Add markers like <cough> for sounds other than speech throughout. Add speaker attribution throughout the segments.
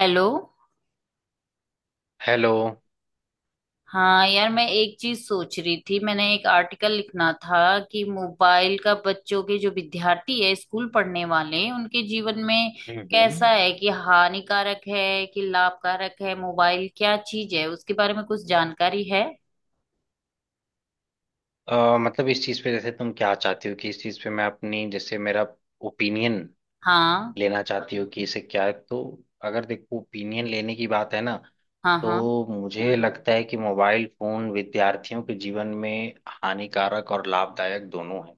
Speaker 1: Hello.
Speaker 2: Hello.
Speaker 1: हाँ यार, मैं एक चीज सोच रही थी। मैंने एक आर्टिकल लिखना था कि मोबाइल का बच्चों के, जो विद्यार्थी है स्कूल पढ़ने वाले हैं, उनके जीवन में
Speaker 2: हम्म।
Speaker 1: कैसा है, कि हानिकारक है कि लाभकारक है, मोबाइल क्या चीज है, उसके बारे में कुछ जानकारी है?
Speaker 2: मतलब इस चीज़ पे जैसे तुम क्या चाहती हो कि इस चीज़ पे मैं अपनी जैसे मेरा ओपिनियन
Speaker 1: हाँ।
Speaker 2: लेना चाहती हो कि इसे क्या है तो अगर देखो ओपिनियन लेने की बात है ना
Speaker 1: हाँ। हाँ।
Speaker 2: तो मुझे लगता है कि मोबाइल फोन विद्यार्थियों के जीवन में हानिकारक और लाभदायक दोनों है।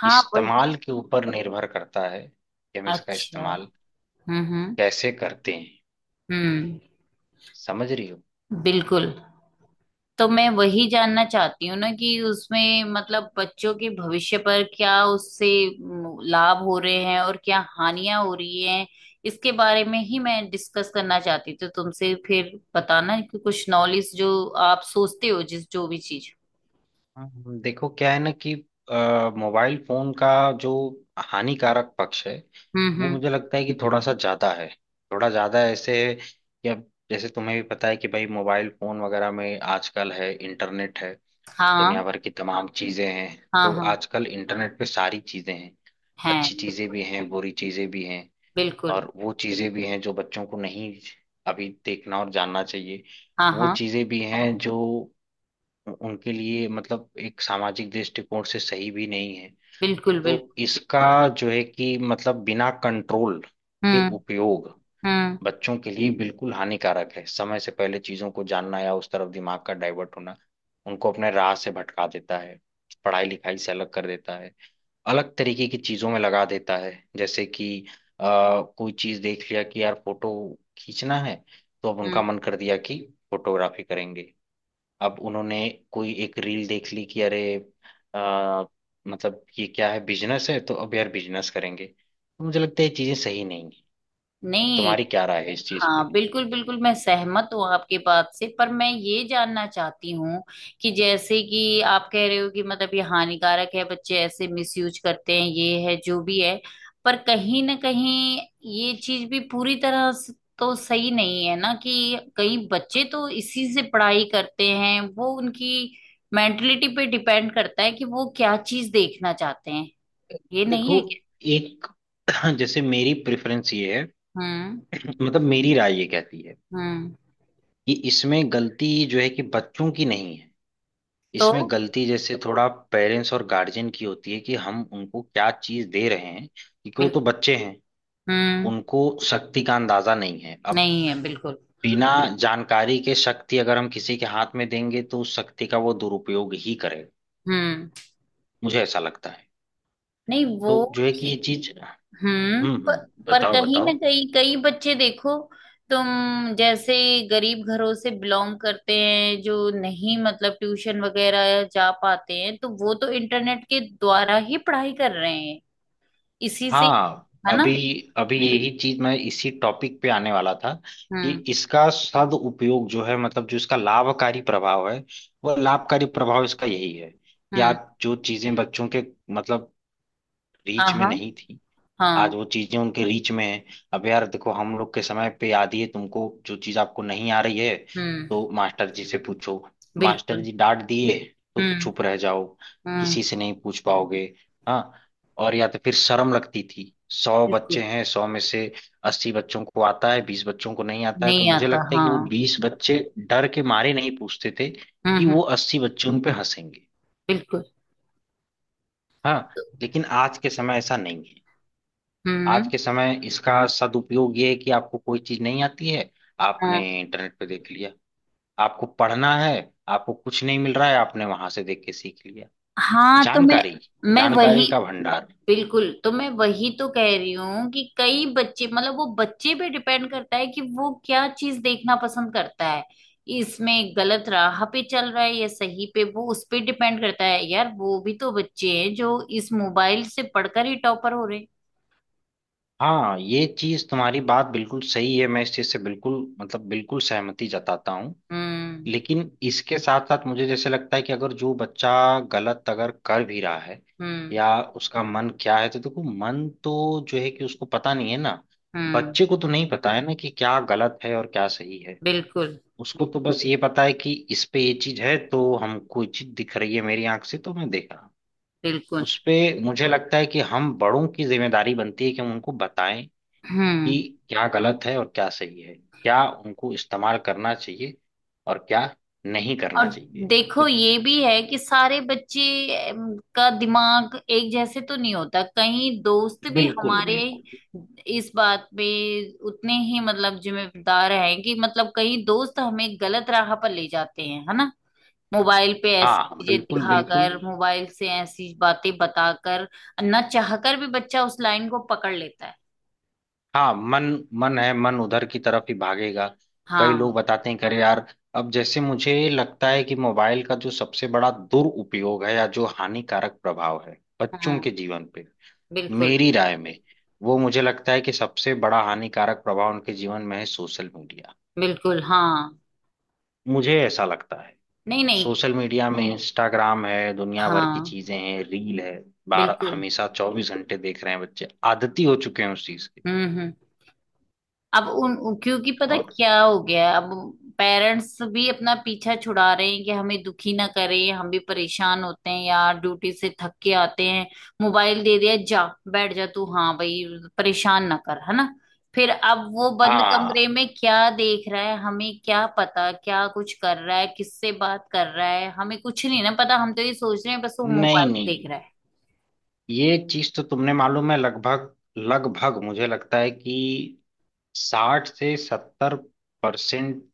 Speaker 1: हाँ, वही।
Speaker 2: इस्तेमाल के ऊपर निर्भर करता है कि हम इसका
Speaker 1: अच्छा।
Speaker 2: इस्तेमाल
Speaker 1: हम्म। हम्म।
Speaker 2: कैसे करते हैं।
Speaker 1: हम्म।
Speaker 2: समझ रही हो?
Speaker 1: बिल्कुल। तो मैं वही जानना चाहती हूँ ना कि उसमें मतलब बच्चों के भविष्य पर क्या उससे लाभ हो रहे हैं और क्या हानियां हो रही हैं। इसके बारे में ही मैं डिस्कस करना चाहती थी तुमसे। फिर बताना कि कुछ नॉलेज जो आप सोचते हो, जिस जो भी चीज।
Speaker 2: हाँ, देखो क्या है ना कि मोबाइल फोन का जो हानिकारक पक्ष है
Speaker 1: हम्म।
Speaker 2: वो
Speaker 1: हम्म।
Speaker 2: मुझे लगता है कि थोड़ा सा ज्यादा है। थोड़ा ज्यादा ऐसे है कि अब जैसे तुम्हें भी पता है कि भाई मोबाइल फोन वगैरह में आजकल है, इंटरनेट है, दुनिया
Speaker 1: हाँ।
Speaker 2: भर की तमाम चीजें हैं।
Speaker 1: हाँ।
Speaker 2: तो
Speaker 1: हाँ।
Speaker 2: आजकल इंटरनेट पे सारी चीजें हैं,
Speaker 1: है।
Speaker 2: अच्छी चीजें
Speaker 1: बिल्कुल।
Speaker 2: भी हैं, बुरी चीजें भी हैं।
Speaker 1: बिल्कुल।
Speaker 2: और वो चीजें भी हैं जो बच्चों को नहीं अभी देखना और जानना चाहिए।
Speaker 1: हाँ।
Speaker 2: वो
Speaker 1: हाँ।
Speaker 2: चीजें भी हैं जो उनके लिए मतलब एक सामाजिक दृष्टिकोण से सही भी नहीं है।
Speaker 1: बिल्कुल। बिल्कुल।
Speaker 2: तो इसका जो है कि मतलब बिना कंट्रोल के
Speaker 1: हम्म।
Speaker 2: उपयोग
Speaker 1: हम्म।
Speaker 2: बच्चों के लिए बिल्कुल हानिकारक है। समय से पहले चीजों को जानना या उस तरफ दिमाग का डाइवर्ट होना उनको अपने राह से भटका देता है, पढ़ाई लिखाई से अलग कर देता है, अलग तरीके की चीजों में लगा देता है। जैसे कि कोई चीज देख लिया कि यार फोटो खींचना है, तो अब उनका
Speaker 1: हम्म।
Speaker 2: मन कर दिया कि फोटोग्राफी करेंगे। अब उन्होंने कोई एक रील देख ली कि अरे आ, मतलब ये क्या है, बिजनेस है, तो अब यार बिजनेस करेंगे। तो मुझे लगता है ये चीजें सही नहीं है।
Speaker 1: नहीं।
Speaker 2: तुम्हारी क्या राय है इस चीज पे?
Speaker 1: हाँ, बिल्कुल बिल्कुल, मैं सहमत हूँ आपके बात से, पर मैं ये जानना चाहती हूँ कि जैसे कि आप कह रहे हो कि मतलब ये हानिकारक है, बच्चे ऐसे मिसयूज करते हैं, ये है जो भी है। पर कहीं ना कहीं ये चीज भी पूरी तरह से तो सही नहीं है ना कि कई बच्चे तो इसी से पढ़ाई करते हैं। वो उनकी मेंटलिटी पे डिपेंड करता है कि वो क्या चीज देखना चाहते हैं। ये नहीं
Speaker 2: देखो
Speaker 1: है क्या?
Speaker 2: एक <clears throat> जैसे मेरी प्रेफरेंस ये है,
Speaker 1: हम्म।
Speaker 2: <clears throat> मतलब मेरी राय ये कहती है
Speaker 1: हम्म।
Speaker 2: कि इसमें गलती जो है कि बच्चों की नहीं है। इसमें
Speaker 1: तो
Speaker 2: गलती जैसे थोड़ा पेरेंट्स और गार्जियन की होती है कि हम उनको क्या चीज दे रहे हैं, क्योंकि वो तो
Speaker 1: बिल्कुल।
Speaker 2: बच्चे हैं,
Speaker 1: हम्म।
Speaker 2: उनको शक्ति का अंदाजा नहीं है। अब
Speaker 1: नहीं है बिल्कुल।
Speaker 2: बिना जानकारी के शक्ति अगर हम किसी के हाथ में देंगे तो उस शक्ति का वो दुरुपयोग ही करेगा,
Speaker 1: हम्म।
Speaker 2: मुझे ऐसा लगता है।
Speaker 1: नहीं वो।
Speaker 2: तो जो है कि ये
Speaker 1: ठीक-
Speaker 2: चीज।
Speaker 1: हम्म।
Speaker 2: हम्म।
Speaker 1: पर
Speaker 2: बताओ
Speaker 1: कहीं ना
Speaker 2: बताओ।
Speaker 1: कहीं कई बच्चे देखो, तुम जैसे गरीब घरों से बिलोंग करते हैं, जो नहीं मतलब ट्यूशन वगैरह जा पाते हैं, तो वो तो इंटरनेट के द्वारा ही पढ़ाई कर रहे हैं, इसी से।
Speaker 2: हाँ,
Speaker 1: है ना?
Speaker 2: अभी अभी यही चीज मैं इसी टॉपिक पे आने वाला था कि
Speaker 1: हम्म।
Speaker 2: इसका सदुपयोग जो है मतलब जो इसका लाभकारी प्रभाव है, वो लाभकारी प्रभाव इसका यही है कि
Speaker 1: हम्म।
Speaker 2: आज जो चीजें बच्चों के मतलब
Speaker 1: हाँ।
Speaker 2: रीच में
Speaker 1: हाँ।
Speaker 2: नहीं थी, आज
Speaker 1: हाँ।
Speaker 2: वो चीजें उनके रीच में है। अब यार देखो हम लोग के समय पे आती है तुमको जो चीज आपको नहीं आ रही है
Speaker 1: हम्म।
Speaker 2: तो मास्टर जी से पूछो। मास्टर
Speaker 1: बिल्कुल।
Speaker 2: जी डांट दिए तो
Speaker 1: हम्म।
Speaker 2: चुप रह जाओ,
Speaker 1: हम्म।
Speaker 2: किसी से नहीं पूछ पाओगे। हाँ, और या तो फिर शर्म लगती थी। सौ
Speaker 1: बिल्कुल।
Speaker 2: बच्चे हैं, 100 में से 80 बच्चों को आता है, 20 बच्चों को नहीं आता है, तो
Speaker 1: नहीं
Speaker 2: मुझे
Speaker 1: आता
Speaker 2: लगता है कि
Speaker 1: हाँ।
Speaker 2: वो 20 बच्चे डर के मारे नहीं पूछते थे
Speaker 1: हम्म।
Speaker 2: कि
Speaker 1: हम्म।
Speaker 2: वो 80 बच्चे उन पे हंसेंगे।
Speaker 1: बिल्कुल।
Speaker 2: हाँ।
Speaker 1: तो,
Speaker 2: लेकिन आज के समय ऐसा नहीं है। आज
Speaker 1: हम्म।
Speaker 2: के समय इसका सदुपयोग ये है कि आपको कोई चीज नहीं आती है, आपने
Speaker 1: हाँ।
Speaker 2: इंटरनेट पे देख लिया। आपको पढ़ना है, आपको कुछ नहीं मिल रहा है, आपने वहां से देख के सीख लिया।
Speaker 1: हाँ, तो मैं
Speaker 2: जानकारी,
Speaker 1: मैं वही।
Speaker 2: जानकारी का भंडार।
Speaker 1: बिल्कुल, तो मैं वही तो कह रही हूँ कि कई बच्चे मतलब वो बच्चे पे डिपेंड करता है कि वो क्या चीज देखना पसंद करता है। इसमें गलत राह पे चल रहा है या सही पे, वो उस पे डिपेंड करता है। यार, वो भी तो बच्चे हैं जो इस मोबाइल से पढ़कर ही टॉपर हो रहे हैं।
Speaker 2: हाँ, ये चीज तुम्हारी बात बिल्कुल सही है, मैं इस चीज से बिल्कुल मतलब बिल्कुल सहमति जताता हूँ।
Speaker 1: हम्म।
Speaker 2: लेकिन इसके साथ साथ मुझे जैसे लगता है कि अगर जो बच्चा गलत अगर कर भी रहा है
Speaker 1: हम्म।
Speaker 2: या उसका मन क्या है तो देखो, मन तो जो है कि उसको पता नहीं है ना,
Speaker 1: हम्म।
Speaker 2: बच्चे को तो नहीं पता है ना कि क्या गलत है और क्या सही है।
Speaker 1: बिल्कुल।
Speaker 2: उसको तो बस ये पता है कि इस पे ये चीज है तो हमको ये चीज दिख रही है, मेरी आंख से तो मैं देख रहा हूँ।
Speaker 1: बिल्कुल।
Speaker 2: उस पे मुझे लगता है कि हम बड़ों की जिम्मेदारी बनती है कि हम उनको बताएं
Speaker 1: हम्म।
Speaker 2: कि क्या गलत है और क्या सही है, क्या उनको इस्तेमाल करना चाहिए और क्या नहीं करना
Speaker 1: और
Speaker 2: चाहिए।
Speaker 1: देखो, ये भी है कि सारे बच्चे का दिमाग एक जैसे तो नहीं होता। कहीं दोस्त भी
Speaker 2: बिल्कुल
Speaker 1: हमारे
Speaker 2: बिल्कुल।
Speaker 1: इस बात पे उतने ही मतलब जिम्मेदार हैं कि मतलब कहीं दोस्त हमें गलत राह पर ले जाते हैं, है ना। मोबाइल पे ऐसी
Speaker 2: हाँ
Speaker 1: चीजें
Speaker 2: बिल्कुल बिल्कुल।
Speaker 1: दिखाकर, मोबाइल से ऐसी बातें बताकर, ना चाहकर भी बच्चा उस लाइन को पकड़ लेता है।
Speaker 2: हाँ मन, मन है, मन उधर की तरफ ही भागेगा। कई लोग
Speaker 1: हाँ।
Speaker 2: बताते हैं कि अरे यार, अब जैसे मुझे लगता है कि मोबाइल का जो सबसे बड़ा दुरुपयोग है या जो हानिकारक प्रभाव है बच्चों
Speaker 1: हाँ।
Speaker 2: के जीवन पे,
Speaker 1: बिल्कुल।
Speaker 2: मेरी राय में वो, मुझे लगता है कि सबसे बड़ा हानिकारक प्रभाव उनके जीवन में है सोशल मीडिया।
Speaker 1: बिल्कुल। हाँ।
Speaker 2: मुझे ऐसा लगता है।
Speaker 1: नहीं नहीं।
Speaker 2: सोशल मीडिया में इंस्टाग्राम है, दुनिया भर की
Speaker 1: हाँ।
Speaker 2: चीजें हैं, रील है। बार
Speaker 1: बिल्कुल।
Speaker 2: हमेशा 24 घंटे देख रहे हैं बच्चे, आदती हो चुके हैं उस चीज के।
Speaker 1: हम्म। हम्म। क्योंकि पता
Speaker 2: और
Speaker 1: क्या हो गया है, अब पेरेंट्स भी अपना पीछा छुड़ा रहे हैं कि हमें दुखी ना करें, हम भी परेशान होते हैं यार, ड्यूटी से थक के आते हैं। मोबाइल दे दिया, जा बैठ जा तू, हाँ भाई, परेशान ना कर, है ना। फिर अब वो बंद कमरे
Speaker 2: हाँ,
Speaker 1: में क्या देख रहा है, हमें क्या पता, क्या कुछ कर रहा है, किससे बात कर रहा है, हमें कुछ नहीं ना पता। हम तो ये सोच रहे हैं बस वो
Speaker 2: नहीं
Speaker 1: मोबाइल
Speaker 2: नहीं,
Speaker 1: देख रहा है।
Speaker 2: ये चीज तो तुमने मालूम है, लगभग लगभग मुझे लगता है कि 60 से 70%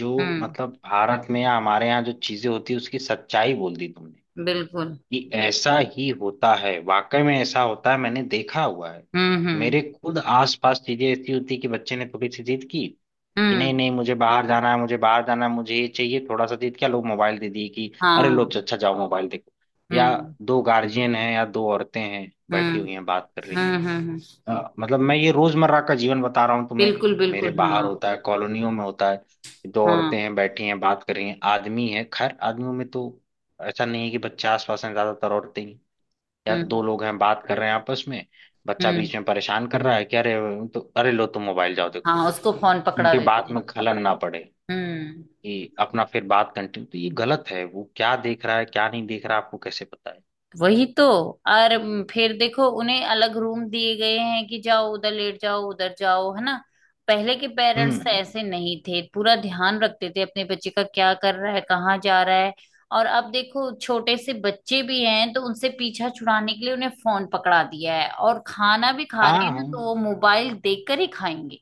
Speaker 2: जो
Speaker 1: हम्म।
Speaker 2: मतलब भारत में या हमारे यहाँ जो चीजें होती है, उसकी सच्चाई बोल दी तुमने
Speaker 1: बिल्कुल।
Speaker 2: कि ऐसा ही होता है, वाकई में ऐसा होता है, मैंने देखा हुआ है।
Speaker 1: हम्म। हम्म।
Speaker 2: मेरे खुद आसपास चीजें ऐसी होती कि बच्चे ने थोड़ी सी जिद की कि नहीं
Speaker 1: हम्म।
Speaker 2: नहीं मुझे बाहर जाना है, मुझे बाहर जाना है, मुझे ये चाहिए, थोड़ा सा जिद किया, लोग मोबाइल दे दिए कि अरे लो
Speaker 1: हाँ।
Speaker 2: अच्छा जाओ मोबाइल देखो। या
Speaker 1: हम्म।
Speaker 2: दो गार्जियन हैं या दो औरतें हैं बैठी
Speaker 1: हम्म।
Speaker 2: हुई हैं बात कर रही हैं।
Speaker 1: हुँ, हुँ, हुँ।
Speaker 2: मतलब मैं ये रोजमर्रा का जीवन बता रहा हूँ तुम्हें।
Speaker 1: बिल्कुल,
Speaker 2: मेरे
Speaker 1: बिल्कुल,
Speaker 2: बाहर
Speaker 1: हाँ,
Speaker 2: होता है, कॉलोनियों में होता है, दो
Speaker 1: हाँ,
Speaker 2: औरतें हैं बैठी हैं बात कर रही हैं। आदमी है, खैर आदमियों में तो ऐसा नहीं है कि बच्चे आसपास हैं, ज्यादातर औरतें ही। या
Speaker 1: हुँ,
Speaker 2: दो लोग हैं बात कर रहे हैं आपस में, बच्चा
Speaker 1: हुँ,
Speaker 2: बीच में परेशान कर रहा है कि अरे, तो अरे लो तुम मोबाइल जाओ देखो।
Speaker 1: हाँ, उसको फोन पकड़ा
Speaker 2: उनके
Speaker 1: देते
Speaker 2: बात
Speaker 1: हैं।
Speaker 2: में खलन ना पड़े,
Speaker 1: हम्म।
Speaker 2: कि अपना फिर बात कंटिन्यू। तो ये गलत है, वो क्या देख रहा है, क्या नहीं देख रहा, आपको कैसे पता है?
Speaker 1: वही तो। और फिर देखो, उन्हें अलग रूम दिए गए हैं कि जाओ उधर, लेट जाओ उधर जाओ, है ना। पहले के पेरेंट्स तो
Speaker 2: हम्म।
Speaker 1: ऐसे नहीं थे, पूरा ध्यान रखते थे अपने बच्चे का, क्या कर रहा है, कहाँ जा रहा है। और अब देखो, छोटे से बच्चे भी हैं तो उनसे पीछा छुड़ाने के लिए उन्हें फोन पकड़ा दिया है, और खाना भी खा रहे
Speaker 2: हाँ
Speaker 1: हैं ना तो
Speaker 2: हाँ।
Speaker 1: वो मोबाइल देखकर ही खाएंगे।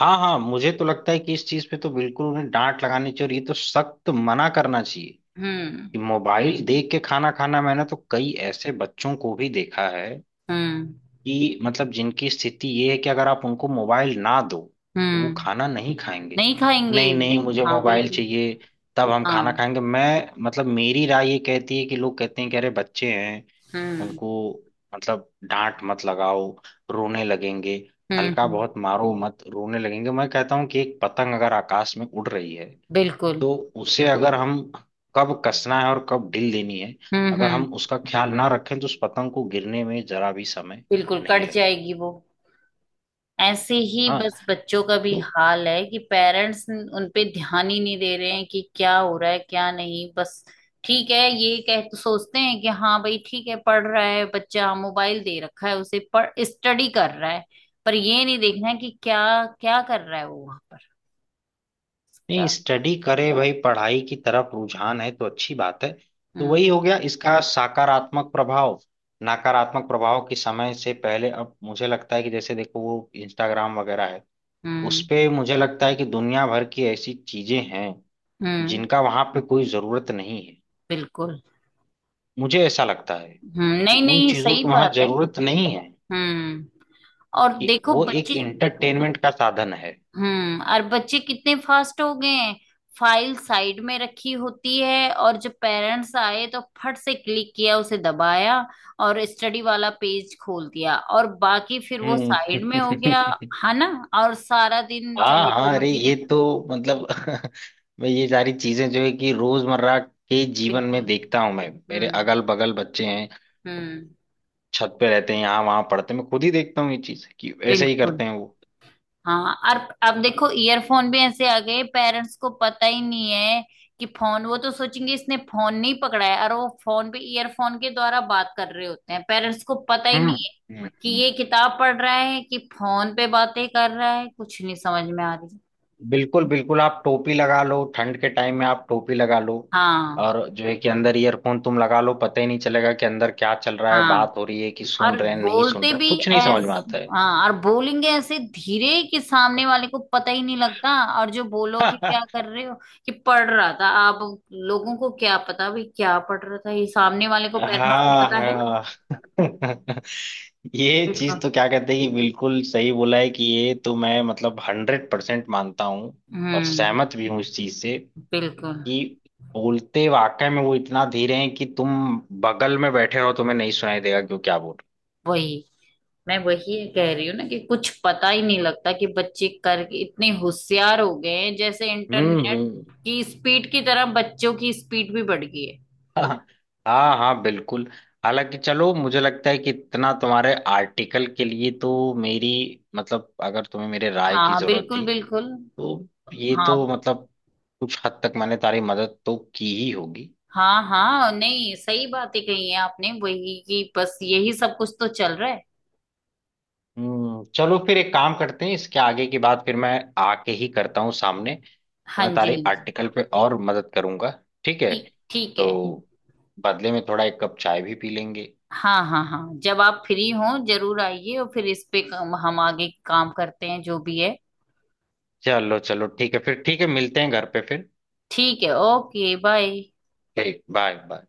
Speaker 2: हाँ हाँ मुझे तो लगता है कि इस चीज पे तो बिल्कुल उन्हें डांट लगानी चाहिए और ये तो सख्त मना करना चाहिए
Speaker 1: हम्म।
Speaker 2: कि मोबाइल देख के खाना खाना। मैंने तो कई ऐसे बच्चों को भी देखा है
Speaker 1: हम्म।
Speaker 2: कि मतलब जिनकी स्थिति ये है कि अगर आप उनको मोबाइल ना दो तो वो
Speaker 1: हम्म।
Speaker 2: खाना नहीं खाएंगे।
Speaker 1: नहीं खाएंगे।
Speaker 2: नहीं नहीं मुझे
Speaker 1: हाँ
Speaker 2: मोबाइल
Speaker 1: बिल्कुल।
Speaker 2: चाहिए तब हम खाना
Speaker 1: हाँ।
Speaker 2: खाएंगे। मैं मतलब मेरी राय ये कहती है कि लोग कहते हैं कि अरे बच्चे हैं,
Speaker 1: हम्म।
Speaker 2: उनको मतलब डांट मत लगाओ, रोने लगेंगे,
Speaker 1: हम्म।
Speaker 2: हल्का बहुत मारो मत, रोने लगेंगे। मैं कहता हूँ कि एक पतंग अगर आकाश में उड़ रही है
Speaker 1: बिल्कुल।
Speaker 2: तो उसे अगर बिल्कुल हम कब कसना है और कब ढील देनी है,
Speaker 1: हम्म।
Speaker 2: अगर हम
Speaker 1: हम्म।
Speaker 2: उसका ख्याल ना रखें तो उस पतंग को गिरने में जरा भी समय
Speaker 1: बिल्कुल
Speaker 2: नहीं
Speaker 1: कट
Speaker 2: लगेगा।
Speaker 1: जाएगी वो। ऐसे ही
Speaker 2: हाँ।
Speaker 1: बस बच्चों का भी
Speaker 2: तो
Speaker 1: हाल है कि पेरेंट्स उन पे ध्यान ही नहीं दे रहे हैं कि क्या हो रहा है क्या नहीं, बस ठीक है, ये कह तो सोचते हैं कि हाँ भाई ठीक है, पढ़ रहा है बच्चा, मोबाइल दे रखा है उसे, पढ़ स्टडी कर रहा है। पर ये नहीं देखना है कि क्या क्या कर रहा है वो वहां पर। क्या।
Speaker 2: नहीं स्टडी करे भाई, पढ़ाई की तरफ रुझान है तो अच्छी बात है। तो
Speaker 1: हम्म।
Speaker 2: वही हो गया इसका सकारात्मक प्रभाव। नकारात्मक प्रभाव के समय से पहले अब मुझे लगता है कि जैसे देखो वो इंस्टाग्राम वगैरह है, उस
Speaker 1: हम्म।
Speaker 2: पे मुझे लगता है कि दुनिया भर की ऐसी चीजें हैं
Speaker 1: हम्म।
Speaker 2: जिनका वहां पे कोई जरूरत नहीं है।
Speaker 1: बिल्कुल।
Speaker 2: मुझे ऐसा लगता है
Speaker 1: हम्म।
Speaker 2: कि
Speaker 1: नहीं
Speaker 2: उन
Speaker 1: नहीं
Speaker 2: चीजों
Speaker 1: सही
Speaker 2: की वहां
Speaker 1: बात है।
Speaker 2: जरूरत नहीं है,
Speaker 1: हम्म। और
Speaker 2: कि
Speaker 1: देखो
Speaker 2: वो एक
Speaker 1: बच्चे।
Speaker 2: एंटरटेनमेंट का साधन है।
Speaker 1: हम्म। और बच्चे कितने फास्ट हो गए हैं, फाइल साइड में रखी होती है और जब पेरेंट्स आए तो फट से क्लिक किया उसे, दबाया और स्टडी वाला पेज खोल दिया, और बाकी फिर वो
Speaker 2: हम्म।
Speaker 1: साइड में हो गया,
Speaker 2: <laughs>
Speaker 1: है ना। और सारा दिन चाहे
Speaker 2: हाँ
Speaker 1: जो
Speaker 2: हाँ, अरे
Speaker 1: मर्जी
Speaker 2: ये
Speaker 1: देखो।
Speaker 2: तो मतलब <laughs> मैं ये सारी चीजें जो है कि रोजमर्रा के जीवन में
Speaker 1: बिल्कुल।
Speaker 2: देखता हूँ, मैं मेरे
Speaker 1: हम्म।
Speaker 2: अगल बगल बच्चे हैं,
Speaker 1: हम्म।
Speaker 2: छत पे रहते हैं, यहाँ वहां पढ़ते हैं, मैं खुद ही देखता हूँ ये चीज कि ऐसे ही
Speaker 1: बिल्कुल।
Speaker 2: करते हैं वो।
Speaker 1: हाँ। और अब देखो, ईयरफोन भी ऐसे आ गए, पेरेंट्स को पता ही नहीं है कि फोन, वो तो सोचेंगे इसने फोन नहीं पकड़ा है, और वो फोन पे ईयरफोन के द्वारा बात कर रहे होते हैं। पेरेंट्स को पता ही
Speaker 2: हम्म,
Speaker 1: नहीं है
Speaker 2: हम्म,
Speaker 1: कि
Speaker 2: हम्म।
Speaker 1: ये किताब पढ़ रहा है कि फोन पे बातें कर रहा है, कुछ नहीं समझ में आ रही।
Speaker 2: बिल्कुल बिल्कुल। आप टोपी लगा लो ठंड के टाइम में, आप टोपी लगा लो
Speaker 1: हाँ।
Speaker 2: और जो है कि अंदर ईयरफोन तुम लगा लो, पता ही नहीं चलेगा कि अंदर क्या चल रहा है,
Speaker 1: हाँ।
Speaker 2: बात हो रही है कि सुन
Speaker 1: और
Speaker 2: रहे हैं, नहीं सुन
Speaker 1: बोलते
Speaker 2: रहे,
Speaker 1: भी
Speaker 2: कुछ नहीं समझ में
Speaker 1: ऐसे,
Speaker 2: आता
Speaker 1: हाँ, और बोलेंगे ऐसे धीरे कि सामने वाले को पता ही नहीं लगता। और जो बोलो कि
Speaker 2: है।
Speaker 1: क्या कर रहे हो, कि पढ़ रहा था, आप लोगों को क्या पता भाई क्या पढ़ रहा था ये, सामने वाले को, पेरेंट्स को
Speaker 2: हाँ
Speaker 1: पता है।
Speaker 2: हाँ। <laughs> ये चीज
Speaker 1: बिल्कुल।
Speaker 2: तो क्या कहते हैं कि बिल्कुल सही बोला है कि ये तो मैं मतलब 100% मानता हूँ और
Speaker 1: हम्म।
Speaker 2: सहमत भी हूँ इस चीज से
Speaker 1: बिल्कुल।
Speaker 2: कि बोलते वाकई में वो इतना धीरे हैं कि तुम बगल में बैठे रहो तुम्हें नहीं सुनाई देगा, क्यों क्या बोल
Speaker 1: वही, मैं वही कह रही हूँ ना कि कुछ पता ही नहीं लगता कि बच्चे करके इतने होशियार हो गए हैं, जैसे
Speaker 2: रहे हो।
Speaker 1: इंटरनेट
Speaker 2: हम्म।
Speaker 1: की स्पीड की तरह बच्चों की स्पीड भी बढ़ गई है।
Speaker 2: <laughs> हाँ हाँ हाँ, बिल्कुल। हालांकि चलो मुझे लगता है कि इतना तुम्हारे आर्टिकल के लिए तो मेरी मतलब अगर तुम्हें मेरे राय की
Speaker 1: हाँ।
Speaker 2: जरूरत
Speaker 1: बिल्कुल
Speaker 2: थी
Speaker 1: बिल्कुल।
Speaker 2: तो ये
Speaker 1: हाँ।
Speaker 2: तो मतलब कुछ हद तक मैंने तारी मदद तो की ही होगी।
Speaker 1: हाँ। हाँ, नहीं सही बातें कही है आपने वही, कि बस यही सब कुछ तो चल रहा है।
Speaker 2: हम्म, चलो फिर एक काम करते हैं, इसके आगे की बात फिर मैं आके ही करता हूँ सामने, तो
Speaker 1: हाँ
Speaker 2: मैं
Speaker 1: जी, हाँ
Speaker 2: तारे
Speaker 1: जी।
Speaker 2: आर्टिकल पे और मदद करूंगा। ठीक है,
Speaker 1: ठीक, ठीक है।
Speaker 2: तो बदले में थोड़ा एक कप चाय भी पी लेंगे।
Speaker 1: हाँ हाँ, हाँ जब आप फ्री हो जरूर आइए, और फिर इस पे हम आगे काम करते हैं, जो भी है।
Speaker 2: चलो चलो ठीक है फिर, ठीक है मिलते हैं घर पे फिर।
Speaker 1: ठीक है, ओके बाय।
Speaker 2: ठीक, बाय बाय।